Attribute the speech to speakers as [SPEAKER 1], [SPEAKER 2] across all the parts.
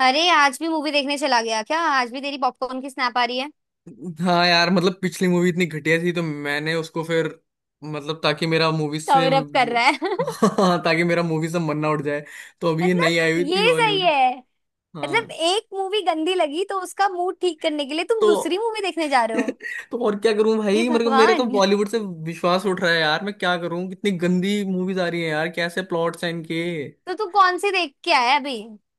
[SPEAKER 1] अरे आज भी मूवी देखने चला गया क्या? आज भी तेरी पॉपकॉर्न की स्नैप आ रही है।
[SPEAKER 2] हाँ यार, मतलब पिछली मूवी इतनी घटिया थी तो मैंने उसको फिर मतलब ताकि मेरा मूवी से
[SPEAKER 1] कवर अप कर रहा है।
[SPEAKER 2] हाँ, ताकि मेरा मूवी से मन ना उठ जाए। तो अभी ये नई
[SPEAKER 1] मतलब
[SPEAKER 2] आई हुई थी
[SPEAKER 1] ये सही
[SPEAKER 2] बॉलीवुड।
[SPEAKER 1] है। मतलब
[SPEAKER 2] हाँ।
[SPEAKER 1] एक मूवी गंदी लगी तो उसका मूड ठीक करने के लिए तुम
[SPEAKER 2] तो
[SPEAKER 1] दूसरी मूवी देखने जा रहे हो?
[SPEAKER 2] तो और क्या करूं
[SPEAKER 1] हे
[SPEAKER 2] भाई, मेरे को मेरा तो
[SPEAKER 1] भगवान।
[SPEAKER 2] बॉलीवुड से विश्वास उठ रहा है यार। मैं क्या करूं, कितनी गंदी मूवीज आ रही है यार, कैसे प्लॉट्स हैं इनके।
[SPEAKER 1] तो तू कौन सी देख के आया अभी?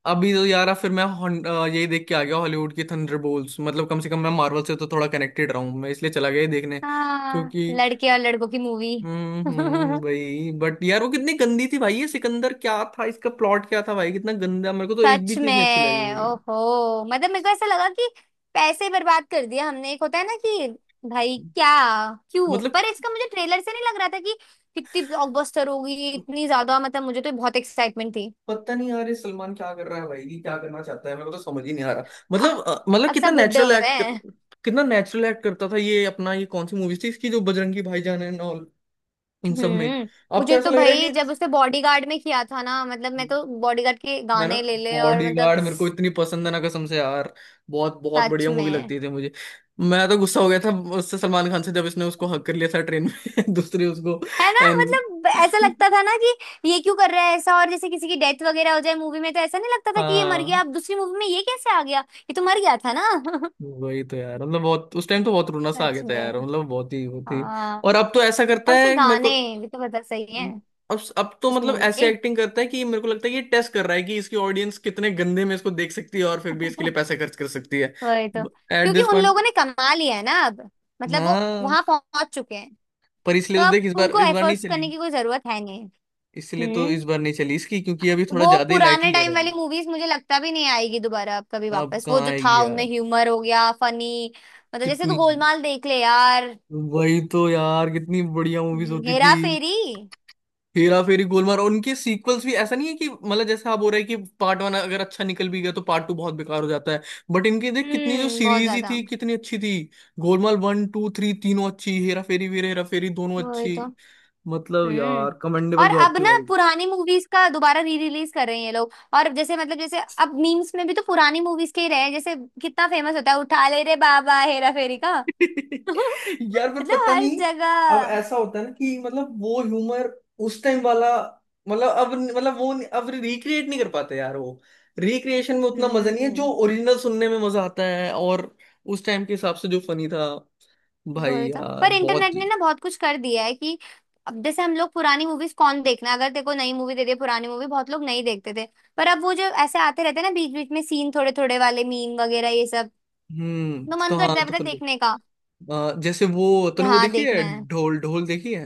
[SPEAKER 2] अभी तो यार, अब फिर मैं यही देख के आ गया, हॉलीवुड की थंडरबोल्ट्स। मतलब कम से कम मैं मार्वल से तो थोड़ा कनेक्टेड रहा हूं, मैं इसलिए चला गया ये देखने।
[SPEAKER 1] हाँ
[SPEAKER 2] क्योंकि
[SPEAKER 1] लड़के और लड़कों की मूवी।
[SPEAKER 2] वही बट यार वो कितनी गंदी थी भाई। ये सिकंदर क्या था, इसका प्लॉट क्या था भाई, कितना गंदा। मेरे को तो एक
[SPEAKER 1] सच
[SPEAKER 2] भी चीज नहीं अच्छी
[SPEAKER 1] में।
[SPEAKER 2] लगी।
[SPEAKER 1] ओहो, मतलब मेरे को ऐसा लगा कि पैसे बर्बाद कर दिया हमने। एक होता है ना कि भाई क्या, क्यों?
[SPEAKER 2] मतलब
[SPEAKER 1] पर इसका मुझे ट्रेलर से नहीं लग रहा था कि कितनी ब्लॉकबस्टर होगी इतनी ज्यादा। मतलब मुझे तो बहुत एक्साइटमेंट थी।
[SPEAKER 2] पता नहीं यार, ये सलमान क्या कर रहा है भाई, ये क्या करना चाहता है, मेरे को तो समझ ही नहीं आ रहा।
[SPEAKER 1] आह,
[SPEAKER 2] मतलब
[SPEAKER 1] अब
[SPEAKER 2] कितना
[SPEAKER 1] सब बुड्ढे
[SPEAKER 2] नेचुरल
[SPEAKER 1] हो गए हैं।
[SPEAKER 2] कितना नेचुरल एक्ट करता था ये अपना। ये कौन सी मूवी थी इसकी, जो बजरंगी भाईजान एंड ऑल, इन सब में।
[SPEAKER 1] हम्म।
[SPEAKER 2] अब तो
[SPEAKER 1] मुझे
[SPEAKER 2] ऐसा
[SPEAKER 1] तो
[SPEAKER 2] लग रहा
[SPEAKER 1] भाई
[SPEAKER 2] है
[SPEAKER 1] जब उसने बॉडीगार्ड में किया था ना, मतलब मैं
[SPEAKER 2] कि,
[SPEAKER 1] तो बॉडीगार्ड के
[SPEAKER 2] है ना,
[SPEAKER 1] गाने ले ले और मतलब
[SPEAKER 2] बॉडीगार्ड मेरे को इतनी पसंद है ना, कसम से यार। बहुत बहुत
[SPEAKER 1] सच
[SPEAKER 2] बढ़िया मूवी
[SPEAKER 1] में
[SPEAKER 2] लगती थी मुझे। मैं तो गुस्सा हो गया था उससे, सलमान खान से, जब इसने उसको हक कर लिया था ट्रेन में दूसरी उसको
[SPEAKER 1] है ना।
[SPEAKER 2] एंड
[SPEAKER 1] मतलब ऐसा लगता था ना कि ये क्यों कर रहा है ऐसा, और जैसे किसी की डेथ वगैरह हो जाए मूवी में तो ऐसा नहीं लगता था कि ये मर गया,
[SPEAKER 2] हाँ,
[SPEAKER 1] अब दूसरी मूवी में ये कैसे आ गया। ये तो मर गया था ना।
[SPEAKER 2] वही तो यार। मतलब बहुत, उस टाइम तो बहुत रोना सा आ
[SPEAKER 1] सच
[SPEAKER 2] गया था यार,
[SPEAKER 1] में।
[SPEAKER 2] मतलब बहुत ही वो थी।
[SPEAKER 1] हाँ
[SPEAKER 2] और अब तो ऐसा करता
[SPEAKER 1] और उसके
[SPEAKER 2] है मेरे
[SPEAKER 1] गाने
[SPEAKER 2] को।
[SPEAKER 1] भी तो पता सही है
[SPEAKER 2] अब तो
[SPEAKER 1] उस
[SPEAKER 2] मतलब
[SPEAKER 1] मूवी
[SPEAKER 2] ऐसी
[SPEAKER 1] के।
[SPEAKER 2] एक्टिंग करता है कि मेरे को लगता है कि ये टेस्ट कर रहा है कि इसकी ऑडियंस कितने गंदे में इसको देख सकती है, और फिर भी इसके लिए पैसे खर्च कर सकती है।
[SPEAKER 1] वही तो।
[SPEAKER 2] एट
[SPEAKER 1] क्योंकि
[SPEAKER 2] दिस
[SPEAKER 1] उन
[SPEAKER 2] पॉइंट।
[SPEAKER 1] लोगों ने कमा लिया है ना अब। मतलब वो
[SPEAKER 2] हाँ,
[SPEAKER 1] वहां पहुंच चुके हैं,
[SPEAKER 2] पर
[SPEAKER 1] तो
[SPEAKER 2] इसलिए तो
[SPEAKER 1] अब
[SPEAKER 2] देख,
[SPEAKER 1] उनको
[SPEAKER 2] इस बार नहीं
[SPEAKER 1] एफर्ट्स
[SPEAKER 2] चली।
[SPEAKER 1] करने की कोई जरूरत है नहीं।
[SPEAKER 2] इसलिए तो इस
[SPEAKER 1] हम्म।
[SPEAKER 2] बार नहीं चली इसकी, क्योंकि अभी थोड़ा
[SPEAKER 1] वो
[SPEAKER 2] ज्यादा ही
[SPEAKER 1] पुराने
[SPEAKER 2] लाइटली ले
[SPEAKER 1] टाइम
[SPEAKER 2] रहे
[SPEAKER 1] वाली
[SPEAKER 2] हैं।
[SPEAKER 1] मूवीज मुझे लगता भी नहीं आएगी दोबारा अब कभी
[SPEAKER 2] अब
[SPEAKER 1] वापस। वो
[SPEAKER 2] कहाँ
[SPEAKER 1] जो था
[SPEAKER 2] आएगी
[SPEAKER 1] उनमें
[SPEAKER 2] यार।
[SPEAKER 1] ह्यूमर हो गया फनी, मतलब जैसे तू
[SPEAKER 2] कितनी,
[SPEAKER 1] गोलमाल देख ले यार।
[SPEAKER 2] वही तो यार, कितनी बढ़िया मूवीज होती थी।
[SPEAKER 1] हेरा फेरी।
[SPEAKER 2] हेरा फेरी, गोलमाल और उनके सीक्वल्स भी ऐसा नहीं है कि, मतलब जैसा आप बोल रहे हैं कि पार्ट 1 अगर अच्छा निकल भी गया तो पार्ट 2 बहुत बेकार हो जाता है। बट इनकी देख कितनी, जो
[SPEAKER 1] बहुत
[SPEAKER 2] सीरीज ही
[SPEAKER 1] ज्यादा।
[SPEAKER 2] थी कितनी अच्छी थी। गोलमाल 1 2 3 तीनों अच्छी, हेरा फेरी, वीर हेरा फेरी दोनों
[SPEAKER 1] वही
[SPEAKER 2] अच्छी।
[SPEAKER 1] तो।
[SPEAKER 2] मतलब
[SPEAKER 1] हम्म।
[SPEAKER 2] यार, कमेंडेबल
[SPEAKER 1] और
[SPEAKER 2] जॉब
[SPEAKER 1] अब
[SPEAKER 2] थी
[SPEAKER 1] ना
[SPEAKER 2] भाई।
[SPEAKER 1] पुरानी मूवीज का दोबारा री रिलीज कर रहे हैं ये लोग। और जैसे मतलब जैसे अब मीम्स में भी तो पुरानी मूवीज के ही रहे हैं। जैसे कितना फेमस होता है उठा ले रे बाबा हेरा फेरी का।
[SPEAKER 2] यार पर
[SPEAKER 1] मतलब
[SPEAKER 2] पता
[SPEAKER 1] हर
[SPEAKER 2] नहीं, अब
[SPEAKER 1] जगह।
[SPEAKER 2] ऐसा होता है ना कि मतलब वो ह्यूमर, उस टाइम वाला, मतलब अब मतलब वो नहीं- अब रिक्रिएट नहीं कर पाते यार वो। रिक्रिएशन में उतना मजा नहीं है जो
[SPEAKER 1] हम्म
[SPEAKER 2] ओरिजिनल सुनने में मजा आता है। और उस टाइम के हिसाब से जो फनी था, भाई
[SPEAKER 1] वही तो।
[SPEAKER 2] यार
[SPEAKER 1] पर
[SPEAKER 2] बहुत।
[SPEAKER 1] इंटरनेट ने ना बहुत कुछ कर दिया है कि अब जैसे हम लोग पुरानी मूवीज कौन देखना, अगर देखो नई मूवी दे दे पुरानी मूवी बहुत लोग नहीं देखते थे। पर अब वो जो ऐसे आते रहते हैं ना बीच बीच में सीन थोड़े थोड़े वाले मीम वगैरह ये सब, तो
[SPEAKER 2] तो
[SPEAKER 1] मन
[SPEAKER 2] हाँ,
[SPEAKER 1] करता है
[SPEAKER 2] तो
[SPEAKER 1] पता है
[SPEAKER 2] फिर
[SPEAKER 1] देखने का
[SPEAKER 2] जैसे वो,
[SPEAKER 1] कि
[SPEAKER 2] तूने वो
[SPEAKER 1] हाँ
[SPEAKER 2] देखी
[SPEAKER 1] देखना
[SPEAKER 2] है,
[SPEAKER 1] है।
[SPEAKER 2] ढोल ढोल देखी है।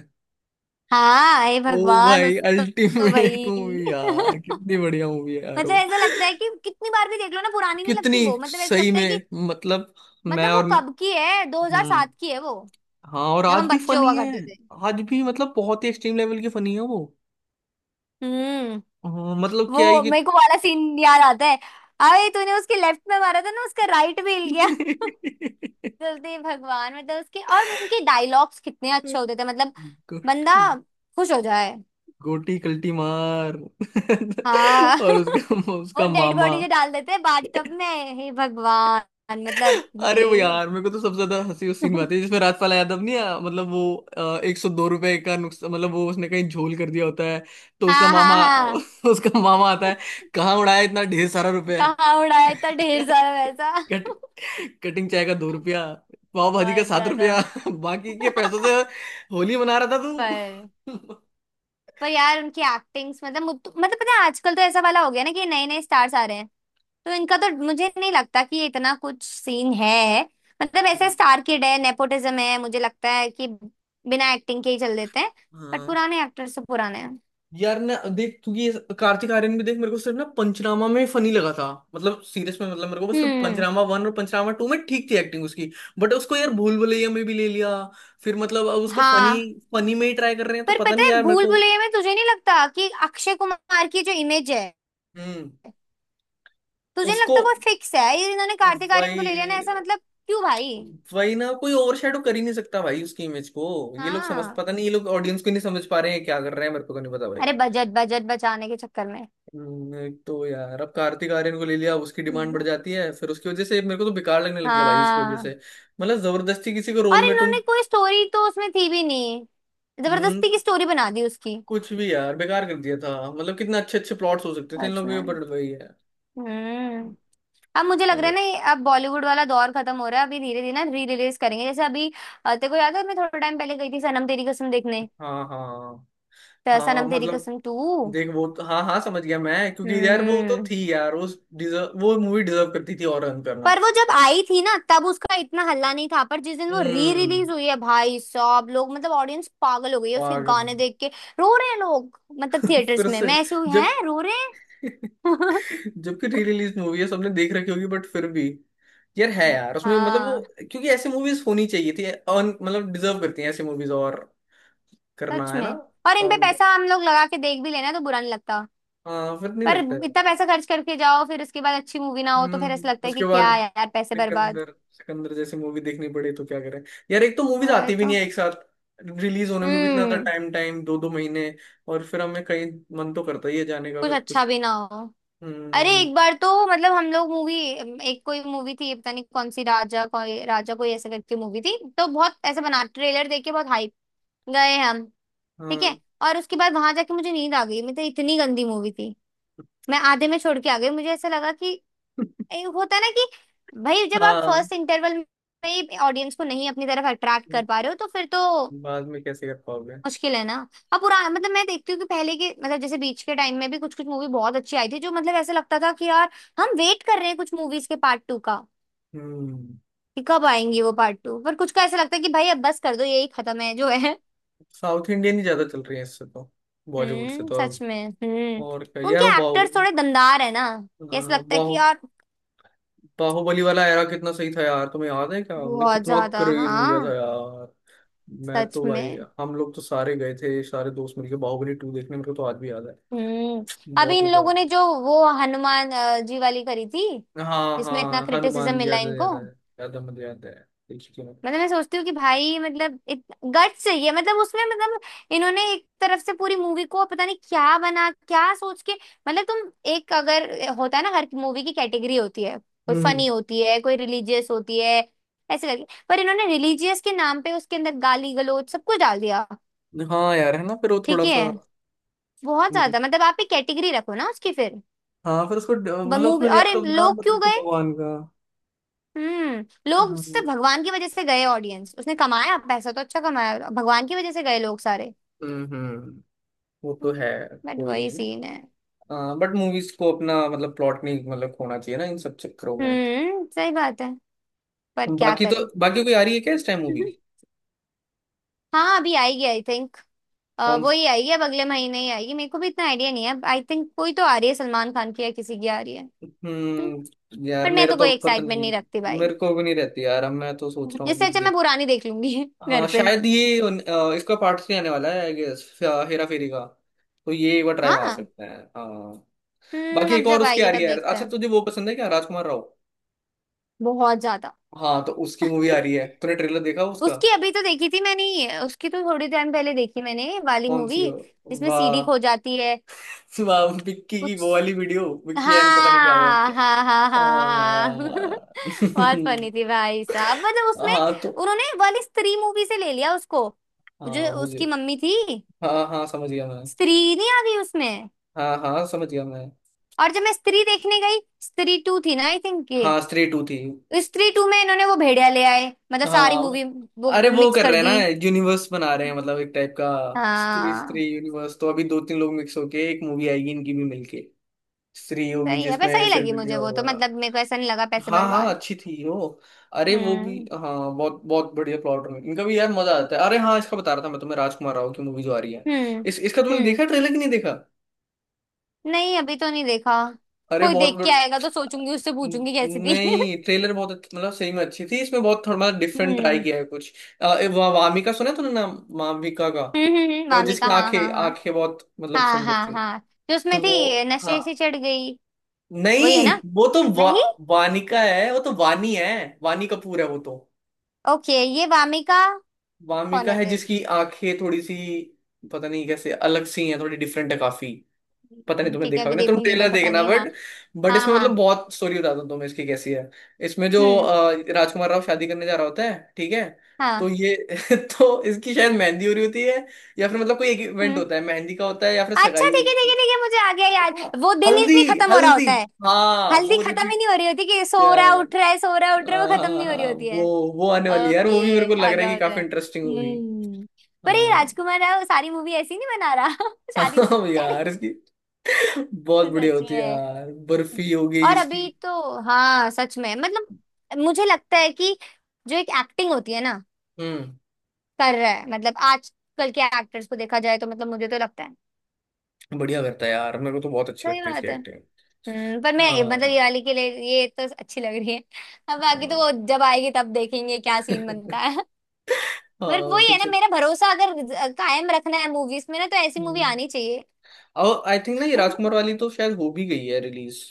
[SPEAKER 1] हाँ हे
[SPEAKER 2] ओ
[SPEAKER 1] भगवान। उस
[SPEAKER 2] भाई,
[SPEAKER 1] तो, तो
[SPEAKER 2] अल्टीमेट
[SPEAKER 1] भाई।
[SPEAKER 2] मूवी यार, कितनी बढ़िया मूवी है यार
[SPEAKER 1] मतलब
[SPEAKER 2] वो।
[SPEAKER 1] ऐसा लगता है कि कितनी बार भी देख लो ना पुरानी नहीं
[SPEAKER 2] कितनी,
[SPEAKER 1] लगती वो। मतलब ऐसा
[SPEAKER 2] सही
[SPEAKER 1] लगता है
[SPEAKER 2] में,
[SPEAKER 1] कि
[SPEAKER 2] मतलब, मैं
[SPEAKER 1] मतलब वो
[SPEAKER 2] और
[SPEAKER 1] कब की है,
[SPEAKER 2] हम्म
[SPEAKER 1] 2007 की है वो,
[SPEAKER 2] हाँ, और
[SPEAKER 1] जब
[SPEAKER 2] आज
[SPEAKER 1] हम
[SPEAKER 2] भी
[SPEAKER 1] बच्चे
[SPEAKER 2] फनी
[SPEAKER 1] हुआ
[SPEAKER 2] है।
[SPEAKER 1] करते थे।
[SPEAKER 2] आज भी मतलब बहुत ही एक्सट्रीम लेवल की फनी है वो।
[SPEAKER 1] हम्म।
[SPEAKER 2] हाँ, मतलब क्या ही
[SPEAKER 1] वो
[SPEAKER 2] कि
[SPEAKER 1] मेरे को वाला सीन याद आता है, अरे तूने उसके लेफ्ट में मारा था ना उसका राइट भी हिल गया। जल्दी भगवान, मतलब उसके और उनके डायलॉग्स कितने अच्छे होते थे मतलब, बंदा खुश हो जाए।
[SPEAKER 2] गोटी कल्टी मार
[SPEAKER 1] हाँ।
[SPEAKER 2] और उसका,
[SPEAKER 1] वो
[SPEAKER 2] उसका
[SPEAKER 1] डेड
[SPEAKER 2] मामा।
[SPEAKER 1] बॉडी जो डाल देते हैं बाथटब में, हे भगवान मतलब हे।
[SPEAKER 2] अरे वो यार, मेरे को तो सबसे ज्यादा हंसी उस सीन में आती है जिसमें राजपाल यादव, नहीं आ, मतलब वो 102 रुपए का नुकसान, मतलब वो उसने कहीं झोल कर दिया होता है। तो उसका
[SPEAKER 1] हाँ हाँ
[SPEAKER 2] मामा
[SPEAKER 1] हाँ।
[SPEAKER 2] उसका मामा आता है। कहाँ उड़ाया इतना ढेर सारा रुपया
[SPEAKER 1] कहाँ उड़ाया था ढेर सारा वैसा।
[SPEAKER 2] कट, कटिंग चाय का 2 रुपया, पाव भाजी का
[SPEAKER 1] बहुत
[SPEAKER 2] सात
[SPEAKER 1] ज्यादा।
[SPEAKER 2] रुपया बाकी के पैसों से होली मना रहा था तू।
[SPEAKER 1] पर पर यार उनकी एक्टिंग्स मतलब मतलब पता है आजकल तो ऐसा वाला हो गया ना कि नए नए स्टार्स आ रहे हैं। तो इनका तो मुझे नहीं लगता कि ये इतना कुछ सीन है। मतलब ऐसे स्टार किड है, नेपोटिज्म है, मुझे लगता है कि बिना एक्टिंग के ही चल देते हैं। बट
[SPEAKER 2] हाँ
[SPEAKER 1] पुराने एक्टर्स तो पुराने हैं।
[SPEAKER 2] यार, ना देख तू ये, कार्तिक आर्यन भी देख। मेरे को सिर्फ ना पंचनामा में फनी लगा था। मतलब सीरियस में, मतलब मेरे को वो सिर्फ
[SPEAKER 1] हम्म
[SPEAKER 2] पंचनामा 1 और पंचनामा 2 में ठीक थी एक्टिंग उसकी। बट उसको यार भूल भुलैया में भी ले लिया, फिर मतलब अब उसको फनी,
[SPEAKER 1] हाँ।
[SPEAKER 2] फनी में ही ट्राई कर रहे हैं। तो
[SPEAKER 1] पर
[SPEAKER 2] पता
[SPEAKER 1] पता
[SPEAKER 2] नहीं
[SPEAKER 1] है
[SPEAKER 2] यार मेरे
[SPEAKER 1] भूल
[SPEAKER 2] को।
[SPEAKER 1] भुलैया में तुझे नहीं लगता कि अक्षय कुमार की जो इमेज है,
[SPEAKER 2] हम्म।
[SPEAKER 1] तुझे नहीं
[SPEAKER 2] उसको
[SPEAKER 1] लगता वो फिक्स है? ये इन्होंने कार्तिक आर्यन को ले लिया ना
[SPEAKER 2] वही,
[SPEAKER 1] ऐसा, मतलब क्यों भाई?
[SPEAKER 2] वही ना, कोई ओवरशैडो कर ही नहीं सकता भाई उसकी इमेज को। ये लोग समझ,
[SPEAKER 1] हाँ,
[SPEAKER 2] पता नहीं ये लोग ऑडियंस को नहीं समझ पा रहे हैं, क्या कर रहे हैं, मेरे को तो नहीं पता भाई।
[SPEAKER 1] अरे बजट बजट बचाने के चक्कर
[SPEAKER 2] एक तो यार अब कार्तिक आर्यन को ले लिया, अब उसकी डिमांड बढ़
[SPEAKER 1] में।
[SPEAKER 2] जाती है, फिर उसकी वजह से मेरे को तो बेकार लगने लग गया भाई इसकी वजह से।
[SPEAKER 1] हाँ।
[SPEAKER 2] मतलब जबरदस्ती किसी को रोल
[SPEAKER 1] और
[SPEAKER 2] में तुम।
[SPEAKER 1] इन्होंने कोई स्टोरी तो उसमें थी भी नहीं,
[SPEAKER 2] हम्म,
[SPEAKER 1] जबरदस्ती की स्टोरी बना दी उसकी।
[SPEAKER 2] कुछ भी यार बेकार कर दिया था। मतलब कितने अच्छे अच्छे प्लॉट्स हो सकते थे इन
[SPEAKER 1] सच
[SPEAKER 2] लोगों के
[SPEAKER 1] में।
[SPEAKER 2] ऊपर, वही है।
[SPEAKER 1] हम्म। अब मुझे लग रहा है
[SPEAKER 2] अरे
[SPEAKER 1] ना ये अब बॉलीवुड वाला दौर खत्म हो रहा है, अभी धीरे धीरे ना री रिलीज करेंगे जैसे अभी। तेरे को याद है मैं थोड़ा टाइम पहले गई थी सनम तेरी कसम देखने?
[SPEAKER 2] हाँ हाँ
[SPEAKER 1] तो
[SPEAKER 2] हाँ,
[SPEAKER 1] सनम तेरी
[SPEAKER 2] मतलब
[SPEAKER 1] कसम टू।
[SPEAKER 2] देख वो तो, हाँ हाँ समझ गया मैं। क्योंकि यार वो तो
[SPEAKER 1] हम्म।
[SPEAKER 2] थी यार, उस डिजर्व, वो मूवी डिजर्व करती थी, और रन करना।
[SPEAKER 1] पर वो जब आई थी ना तब उसका इतना हल्ला नहीं था, पर जिस दिन वो री
[SPEAKER 2] हम्म,
[SPEAKER 1] रिलीज हुई है भाई साहब, लोग मतलब ऑडियंस पागल हो गई है उसके
[SPEAKER 2] पागल
[SPEAKER 1] गाने देख के। रो रहे हैं लोग मतलब थिएटर्स
[SPEAKER 2] फिर
[SPEAKER 1] में,
[SPEAKER 2] से
[SPEAKER 1] मैं ऐसे हुई है
[SPEAKER 2] जब
[SPEAKER 1] रो रहे हैं।
[SPEAKER 2] जबकि री रिलीज मूवी है, सबने देख रखी होगी, बट फिर भी। यार है यार उसमें, मतलब वो,
[SPEAKER 1] हाँ
[SPEAKER 2] क्योंकि ऐसी मूवीज होनी चाहिए थी अर्न, मतलब डिजर्व करती हैं ऐसी मूवीज, और करना
[SPEAKER 1] सच
[SPEAKER 2] है ना।
[SPEAKER 1] में। और इन पे
[SPEAKER 2] earn-
[SPEAKER 1] पैसा हम लोग लगा के देख भी लेना तो बुरा नहीं लगता।
[SPEAKER 2] हाँ फिर नहीं
[SPEAKER 1] पर
[SPEAKER 2] लगता है
[SPEAKER 1] इतना
[SPEAKER 2] यार।
[SPEAKER 1] पैसा खर्च करके जाओ फिर उसके बाद अच्छी मूवी ना हो तो फिर ऐसा लगता है
[SPEAKER 2] उसके
[SPEAKER 1] कि
[SPEAKER 2] बाद,
[SPEAKER 1] क्या यार पैसे बर्बाद।
[SPEAKER 2] सिकंदर सिकंदर जैसी मूवी देखनी पड़े तो क्या करें। यार, एक तो मूवीज
[SPEAKER 1] वही
[SPEAKER 2] आती भी
[SPEAKER 1] तो।
[SPEAKER 2] नहीं है एक साथ, रिलीज होने में भी इतना
[SPEAKER 1] हम्म।
[SPEAKER 2] टाइम, टाइम दो दो महीने। और फिर हमें कहीं, मन तो करता ही है जाने का,
[SPEAKER 1] कुछ
[SPEAKER 2] फिर कुछ।
[SPEAKER 1] अच्छा भी ना हो। अरे
[SPEAKER 2] हम्म,
[SPEAKER 1] एक बार तो मतलब हम लोग मूवी, एक कोई मूवी थी पता नहीं कौन सी, राजा कोई ऐसे करके मूवी थी, तो बहुत ऐसे बना ट्रेलर देख के बहुत हाइप, गए हम। ठीक
[SPEAKER 2] हाँ।
[SPEAKER 1] है, और उसके बाद वहां जाके मुझे नींद आ गई, मतलब इतनी गंदी मूवी थी। मैं आधे में छोड़ के आ गई, मुझे ऐसा लगा कि होता है ना कि भाई जब आप
[SPEAKER 2] हाँ,
[SPEAKER 1] फर्स्ट इंटरवल में ही ऑडियंस को नहीं अपनी तरफ अट्रैक्ट कर पा रहे हो तो फिर तो
[SPEAKER 2] बाद में कैसे कर पाओगे।
[SPEAKER 1] मुश्किल है ना। अब पुराना मतलब मैं देखती हूँ कि पहले के, मतलब जैसे बीच के टाइम में भी कुछ कुछ मूवी बहुत अच्छी आई थी जो, मतलब ऐसा लगता था कि यार हम वेट कर रहे हैं कुछ मूवीज के पार्ट टू का
[SPEAKER 2] हम्म,
[SPEAKER 1] कि कब आएंगी वो पार्ट टू, पर कुछ का ऐसा लगता है कि भाई अब बस कर दो यही खत्म है जो है।
[SPEAKER 2] साउथ इंडियन ही ज्यादा चल रही है इससे तो। बॉलीवुड से
[SPEAKER 1] हम्म।
[SPEAKER 2] तो
[SPEAKER 1] सच
[SPEAKER 2] अब,
[SPEAKER 1] में। हम्म।
[SPEAKER 2] और क्या यार। वो
[SPEAKER 1] उनके एक्टर्स
[SPEAKER 2] बाहुबली,
[SPEAKER 1] थोड़े दमदार है ना कि ऐसा
[SPEAKER 2] अ,
[SPEAKER 1] लगता है कि
[SPEAKER 2] बाहु
[SPEAKER 1] यार।
[SPEAKER 2] बाहुबली वाला एरा कितना सही था यार, तुम्हें याद है क्या? मतलब
[SPEAKER 1] बहुत
[SPEAKER 2] कितना
[SPEAKER 1] ज्यादा
[SPEAKER 2] क्रेज हो गया
[SPEAKER 1] हाँ।
[SPEAKER 2] था यार। मैं
[SPEAKER 1] सच
[SPEAKER 2] तो भाई,
[SPEAKER 1] में
[SPEAKER 2] हम लोग तो सारे गए थे, सारे दोस्त मिलके बाहुबली 2 देखने, मेरे को तो आज भी याद है।
[SPEAKER 1] हम्म। अभी
[SPEAKER 2] बहुत
[SPEAKER 1] इन
[SPEAKER 2] मजा
[SPEAKER 1] लोगों ने जो वो हनुमान जी वाली करी थी,
[SPEAKER 2] आया। हाँ
[SPEAKER 1] जिसमें इतना
[SPEAKER 2] हाँ,
[SPEAKER 1] क्रिटिसिज्म
[SPEAKER 2] हनुमान
[SPEAKER 1] मिला
[SPEAKER 2] याद है
[SPEAKER 1] इनको।
[SPEAKER 2] याद है। याद है, मुझे याद है, देखी थी मैंने।
[SPEAKER 1] मतलब मैं सोचती हूँ कि भाई मतलब गट चाहिए मतलब उसमें मतलब, इन्होंने एक तरफ से पूरी मूवी को पता नहीं क्या बना क्या सोच के। मतलब तुम एक अगर, होता है ना हर मूवी की कैटेगरी होती है, कोई
[SPEAKER 2] हम्म।
[SPEAKER 1] फनी होती है कोई रिलीजियस होती है ऐसे करके। पर इन्होंने रिलीजियस के नाम पे उसके अंदर गाली गलौज सब कुछ डाल दिया।
[SPEAKER 2] हाँ यार, है ना, फिर वो
[SPEAKER 1] ठीक
[SPEAKER 2] थोड़ा
[SPEAKER 1] है।
[SPEAKER 2] सा।
[SPEAKER 1] बहुत
[SPEAKER 2] हम्म,
[SPEAKER 1] ज्यादा, मतलब आप एक कैटेगरी रखो ना उसकी फिर।
[SPEAKER 2] हाँ, फिर उसको मतलब
[SPEAKER 1] मूवी
[SPEAKER 2] उसमें
[SPEAKER 1] और
[SPEAKER 2] याद, तो नाम
[SPEAKER 1] लोग
[SPEAKER 2] मत
[SPEAKER 1] क्यों
[SPEAKER 2] रखो
[SPEAKER 1] गए?
[SPEAKER 2] भगवान का।
[SPEAKER 1] हम्म। लोग
[SPEAKER 2] हाँ,
[SPEAKER 1] सिर्फ भगवान की वजह से गए ऑडियंस, उसने कमाया पैसा तो अच्छा कमाया, भगवान की वजह से गए लोग सारे।
[SPEAKER 2] हम्म, वो तो है।
[SPEAKER 1] बट
[SPEAKER 2] कोई
[SPEAKER 1] वही
[SPEAKER 2] नहीं,
[SPEAKER 1] सीन है।
[SPEAKER 2] बट मूवीज को अपना मतलब प्लॉट नहीं, मतलब खोना चाहिए ना इन सब चक्करों में।
[SPEAKER 1] सही बात है। पर क्या
[SPEAKER 2] बाकी तो,
[SPEAKER 1] करें?
[SPEAKER 2] बाकी कोई आ रही है क्या इस टाइम मूवी?
[SPEAKER 1] हाँ अभी आएगी आई थिंक,
[SPEAKER 2] कौन?
[SPEAKER 1] वो ही आएगी, अब अगले महीने ही आएगी। मेरे को भी इतना आइडिया नहीं है आई थिंक, कोई तो आ रही है सलमान खान की या किसी की आ रही है। हम्म,
[SPEAKER 2] हम्म, यार
[SPEAKER 1] पर मैं
[SPEAKER 2] मेरा
[SPEAKER 1] तो
[SPEAKER 2] तो
[SPEAKER 1] कोई
[SPEAKER 2] अब पता
[SPEAKER 1] एक्साइटमेंट
[SPEAKER 2] नहीं।
[SPEAKER 1] नहीं रखती भाई।
[SPEAKER 2] मेरे को भी नहीं रहती यार, अब मैं तो सोच रहा हूँ
[SPEAKER 1] इससे
[SPEAKER 2] कि
[SPEAKER 1] अच्छा मैं
[SPEAKER 2] देख।
[SPEAKER 1] पुरानी देख लूंगी।
[SPEAKER 2] हाँ,
[SPEAKER 1] घर पे।
[SPEAKER 2] शायद ये इसका पार्ट 3 आने वाला है, आई गेस, हेरा फेरी का। तो ये एक बार ट्राई मार
[SPEAKER 1] हाँ
[SPEAKER 2] सकते हैं, हाँ।
[SPEAKER 1] हम्म।
[SPEAKER 2] बाकी
[SPEAKER 1] अब
[SPEAKER 2] एक और
[SPEAKER 1] जब
[SPEAKER 2] उसकी आ
[SPEAKER 1] आएगी
[SPEAKER 2] रही
[SPEAKER 1] तब
[SPEAKER 2] है यार।
[SPEAKER 1] देखते
[SPEAKER 2] अच्छा,
[SPEAKER 1] हैं।
[SPEAKER 2] तुझे वो पसंद है क्या, राजकुमार राव?
[SPEAKER 1] बहुत ज्यादा।
[SPEAKER 2] हाँ, तो उसकी मूवी आ रही है, तूने ट्रेलर देखा उसका?
[SPEAKER 1] उसकी अभी तो देखी थी मैंने ये, उसकी तो थोड़ी टाइम पहले देखी मैंने वाली
[SPEAKER 2] कौन सी
[SPEAKER 1] मूवी
[SPEAKER 2] हो?
[SPEAKER 1] जिसमें
[SPEAKER 2] वाह
[SPEAKER 1] सीडी खो जाती है
[SPEAKER 2] वाह, विक्की की
[SPEAKER 1] कुछ।
[SPEAKER 2] वो वाली वीडियो, विक्की एंड पता नहीं क्या हुआ।
[SPEAKER 1] हाँ हाँ हाँ हाँ
[SPEAKER 2] आ,
[SPEAKER 1] हाँ। बहुत फनी थी भाई साहब, मतलब उसमें
[SPEAKER 2] हाँ तो,
[SPEAKER 1] उन्होंने वाली स्त्री मूवी से ले लिया उसको, जो
[SPEAKER 2] हाँ
[SPEAKER 1] उसकी
[SPEAKER 2] मुझे,
[SPEAKER 1] मम्मी थी,
[SPEAKER 2] हाँ हाँ समझ गया मैं,
[SPEAKER 1] स्त्री नहीं आ गई उसमें।
[SPEAKER 2] हाँ हाँ समझ गया मैं।
[SPEAKER 1] और जब मैं स्त्री देखने गई, स्त्री टू थी ना आई थिंक ये,
[SPEAKER 2] हाँ स्त्री 2 थी।
[SPEAKER 1] तो स्त्री टू में इन्होंने वो भेड़िया ले आए मतलब सारी
[SPEAKER 2] हाँ,
[SPEAKER 1] मूवी, वो
[SPEAKER 2] अरे वो
[SPEAKER 1] मिक्स
[SPEAKER 2] कर
[SPEAKER 1] कर
[SPEAKER 2] रहे हैं ना,
[SPEAKER 1] दी।
[SPEAKER 2] यूनिवर्स बना रहे हैं, मतलब एक टाइप का, स्त्री,
[SPEAKER 1] हाँ
[SPEAKER 2] स्त्री यूनिवर्स। तो अभी दो तीन लोग मिक्स होके एक मूवी आएगी इनकी भी मिलके, स्त्री होगी
[SPEAKER 1] सही है पर सही
[SPEAKER 2] जिसमें फिर
[SPEAKER 1] लगी
[SPEAKER 2] बिल्डिया
[SPEAKER 1] मुझे वो तो,
[SPEAKER 2] होगा।
[SPEAKER 1] मतलब मेरे को ऐसा नहीं लगा पैसे
[SPEAKER 2] हाँ हाँ,
[SPEAKER 1] बर्बाद।
[SPEAKER 2] अच्छी थी वो। अरे वो भी,
[SPEAKER 1] हम्म
[SPEAKER 2] हाँ बहुत बहुत बढ़िया प्लॉट है इनका भी यार, मजा आता है। अरे हाँ, इसका बता रहा था मैं तुम्हें, राजकुमार राव की मूवी जो आ रही है,
[SPEAKER 1] हम्म
[SPEAKER 2] इस इसका तुमने
[SPEAKER 1] हम्म।
[SPEAKER 2] देखा ट्रेलर कि नहीं देखा?
[SPEAKER 1] नहीं अभी तो नहीं देखा।
[SPEAKER 2] अरे
[SPEAKER 1] कोई
[SPEAKER 2] बहुत
[SPEAKER 1] देख
[SPEAKER 2] बड़...
[SPEAKER 1] के आएगा तो सोचूंगी, उससे पूछूंगी कैसी थी।
[SPEAKER 2] नहीं, ट्रेलर बहुत मतलब सही में अच्छी थी। इसमें बहुत थोड़ा डिफरेंट ट्राई
[SPEAKER 1] हम्म
[SPEAKER 2] किया है कुछ। वामिका, सुना है तूने नाम वामिका का? तो जिसकी
[SPEAKER 1] वामिका हाँ
[SPEAKER 2] आंखें,
[SPEAKER 1] हाँ हाँ।
[SPEAKER 2] आंखें बहुत मतलब
[SPEAKER 1] हाँ
[SPEAKER 2] सुंदर
[SPEAKER 1] हाँ
[SPEAKER 2] थी।
[SPEAKER 1] हाँ। जो उसमें
[SPEAKER 2] तो
[SPEAKER 1] थी
[SPEAKER 2] वो,
[SPEAKER 1] ये
[SPEAKER 2] हाँ,
[SPEAKER 1] नशे से चढ़ गई, वही है
[SPEAKER 2] नहीं
[SPEAKER 1] ना?
[SPEAKER 2] वो तो
[SPEAKER 1] नहीं,
[SPEAKER 2] वानिका है वो तो, वानी है, वानी कपूर है वो तो।
[SPEAKER 1] ओके ये वामिका कौन
[SPEAKER 2] वामिका
[SPEAKER 1] है
[SPEAKER 2] है
[SPEAKER 1] फिर?
[SPEAKER 2] जिसकी आंखें थोड़ी सी, पता नहीं कैसे अलग सी हैं, थोड़ी डिफरेंट है काफी। पता नहीं तुमने
[SPEAKER 1] ठीक है
[SPEAKER 2] देखा
[SPEAKER 1] अभी
[SPEAKER 2] होगा ना, तुम
[SPEAKER 1] देखूंगी
[SPEAKER 2] ट्रेलर
[SPEAKER 1] मैं पता
[SPEAKER 2] देखना,
[SPEAKER 1] नहीं। हाँ
[SPEAKER 2] बट
[SPEAKER 1] हाँ
[SPEAKER 2] इसमें
[SPEAKER 1] हाँ।
[SPEAKER 2] मतलब बहुत, स्टोरी बताता हूँ तुम्हें इसकी कैसी है। इसमें जो
[SPEAKER 1] हम्म
[SPEAKER 2] राजकुमार राव शादी करने जा रहा होता है ठीक है। तो
[SPEAKER 1] हाँ।
[SPEAKER 2] ये तो इसकी शायद मेहंदी हो रही होती है, या फिर मतलब कोई एक इवेंट
[SPEAKER 1] हम्म
[SPEAKER 2] होता है, मेहंदी का होता है, या फिर
[SPEAKER 1] अच्छा
[SPEAKER 2] सगाई हो रही
[SPEAKER 1] ठीक है
[SPEAKER 2] होती
[SPEAKER 1] ठीक
[SPEAKER 2] है।
[SPEAKER 1] है ठीक है, मुझे आ गया याद।
[SPEAKER 2] देखा?
[SPEAKER 1] वो दिन ही
[SPEAKER 2] हल्दी,
[SPEAKER 1] नहीं खत्म हो रहा
[SPEAKER 2] हल्दी,
[SPEAKER 1] होता है।
[SPEAKER 2] हाँ
[SPEAKER 1] हल्दी
[SPEAKER 2] वो
[SPEAKER 1] खत्म ही
[SPEAKER 2] रिपीट
[SPEAKER 1] नहीं हो रही होती कि सो
[SPEAKER 2] किया
[SPEAKER 1] रहा है,
[SPEAKER 2] है।
[SPEAKER 1] उठ रहा है, सो रहा है, उठ रहा है,
[SPEAKER 2] हाँ
[SPEAKER 1] वो खत्म
[SPEAKER 2] हाँ
[SPEAKER 1] नहीं हो रही
[SPEAKER 2] हाँ,
[SPEAKER 1] होती है।
[SPEAKER 2] वो आने वाली है यार, वो भी मेरे को
[SPEAKER 1] ओके
[SPEAKER 2] लग
[SPEAKER 1] आ
[SPEAKER 2] रहा है
[SPEAKER 1] गया
[SPEAKER 2] कि
[SPEAKER 1] मुझे।
[SPEAKER 2] काफी इंटरेस्टिंग होगी।
[SPEAKER 1] हम्म। पर ये
[SPEAKER 2] हाँ,
[SPEAKER 1] राजकुमार राव सारी मूवी ऐसी नहीं बना रहा। शादी
[SPEAKER 2] हाँ
[SPEAKER 1] शादी।
[SPEAKER 2] यार इसकी बहुत बढ़िया
[SPEAKER 1] सच
[SPEAKER 2] होती है
[SPEAKER 1] में।
[SPEAKER 2] यार, बर्फी हो गई
[SPEAKER 1] और
[SPEAKER 2] इसकी।
[SPEAKER 1] अभी तो हाँ सच में, मतलब मुझे लगता है कि जो एक एक्टिंग होती है ना
[SPEAKER 2] हम्म,
[SPEAKER 1] कर रहा है, मतलब आजकल के एक्टर्स को देखा जाए तो मतलब मुझे तो लगता है।
[SPEAKER 2] बढ़िया करता है यार, मेरे को तो बहुत अच्छी
[SPEAKER 1] सही
[SPEAKER 2] लगती है इसकी
[SPEAKER 1] बात है।
[SPEAKER 2] एक्टिंग।
[SPEAKER 1] हम्म। पर मैं मतलब
[SPEAKER 2] हाँ,
[SPEAKER 1] ये वाली के लिए ये तो अच्छी लग रही है। अब बाकी तो
[SPEAKER 2] हाँ
[SPEAKER 1] वो जब आएगी तब देखेंगे क्या सीन बनता है।
[SPEAKER 2] हाँ,
[SPEAKER 1] पर
[SPEAKER 2] वो
[SPEAKER 1] वही
[SPEAKER 2] तो
[SPEAKER 1] है ना,
[SPEAKER 2] चल,
[SPEAKER 1] मेरा भरोसा अगर कायम रखना है मूवीज में ना तो ऐसी मूवी
[SPEAKER 2] हम्म।
[SPEAKER 1] आनी चाहिए।
[SPEAKER 2] और आई थिंक ना, ये राजकुमार वाली तो शायद हो भी गई है रिलीज।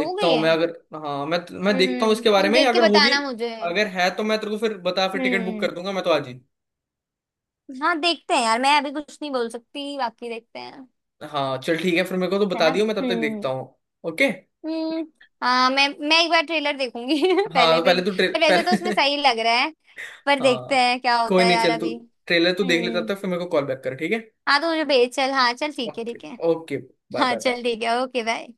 [SPEAKER 1] हो गई
[SPEAKER 2] हूँ
[SPEAKER 1] है।
[SPEAKER 2] मैं अगर, हाँ मैं देखता हूँ इसके बारे
[SPEAKER 1] तुम
[SPEAKER 2] में
[SPEAKER 1] देख के
[SPEAKER 2] अगर होगी।
[SPEAKER 1] बताना मुझे।
[SPEAKER 2] अगर है तो मैं तेरे को फिर बता, फिर टिकट बुक
[SPEAKER 1] हम्म
[SPEAKER 2] कर दूंगा मैं तो आज ही।
[SPEAKER 1] हाँ देखते हैं यार, मैं अभी कुछ नहीं बोल सकती बाकी देखते हैं।
[SPEAKER 2] हाँ चल ठीक है, फिर मेरे को तो
[SPEAKER 1] है
[SPEAKER 2] बता
[SPEAKER 1] ना
[SPEAKER 2] दियो, मैं तब तक
[SPEAKER 1] हम्म।
[SPEAKER 2] देखता हूँ। ओके।
[SPEAKER 1] हम्म हाँ मैं एक बार ट्रेलर देखूंगी।
[SPEAKER 2] हाँ
[SPEAKER 1] पहले
[SPEAKER 2] तो पहले
[SPEAKER 1] फिर।
[SPEAKER 2] तू ट्रे
[SPEAKER 1] पर वैसे तो उसमें
[SPEAKER 2] पहले
[SPEAKER 1] सही लग रहा है, पर देखते
[SPEAKER 2] हाँ
[SPEAKER 1] हैं क्या होता
[SPEAKER 2] कोई
[SPEAKER 1] है
[SPEAKER 2] नहीं,
[SPEAKER 1] यार
[SPEAKER 2] चल तू
[SPEAKER 1] अभी।
[SPEAKER 2] ट्रेलर तू देख ले, तब
[SPEAKER 1] हम्म।
[SPEAKER 2] तक फिर मेरे को कॉल बैक कर, ठीक है।
[SPEAKER 1] हाँ तो मुझे भेज चल। हाँ चल ठीक है
[SPEAKER 2] ओके,
[SPEAKER 1] ठीक है।
[SPEAKER 2] ओके, बाय
[SPEAKER 1] हाँ
[SPEAKER 2] बाय बाय।
[SPEAKER 1] चल ठीक है, ओके बाय।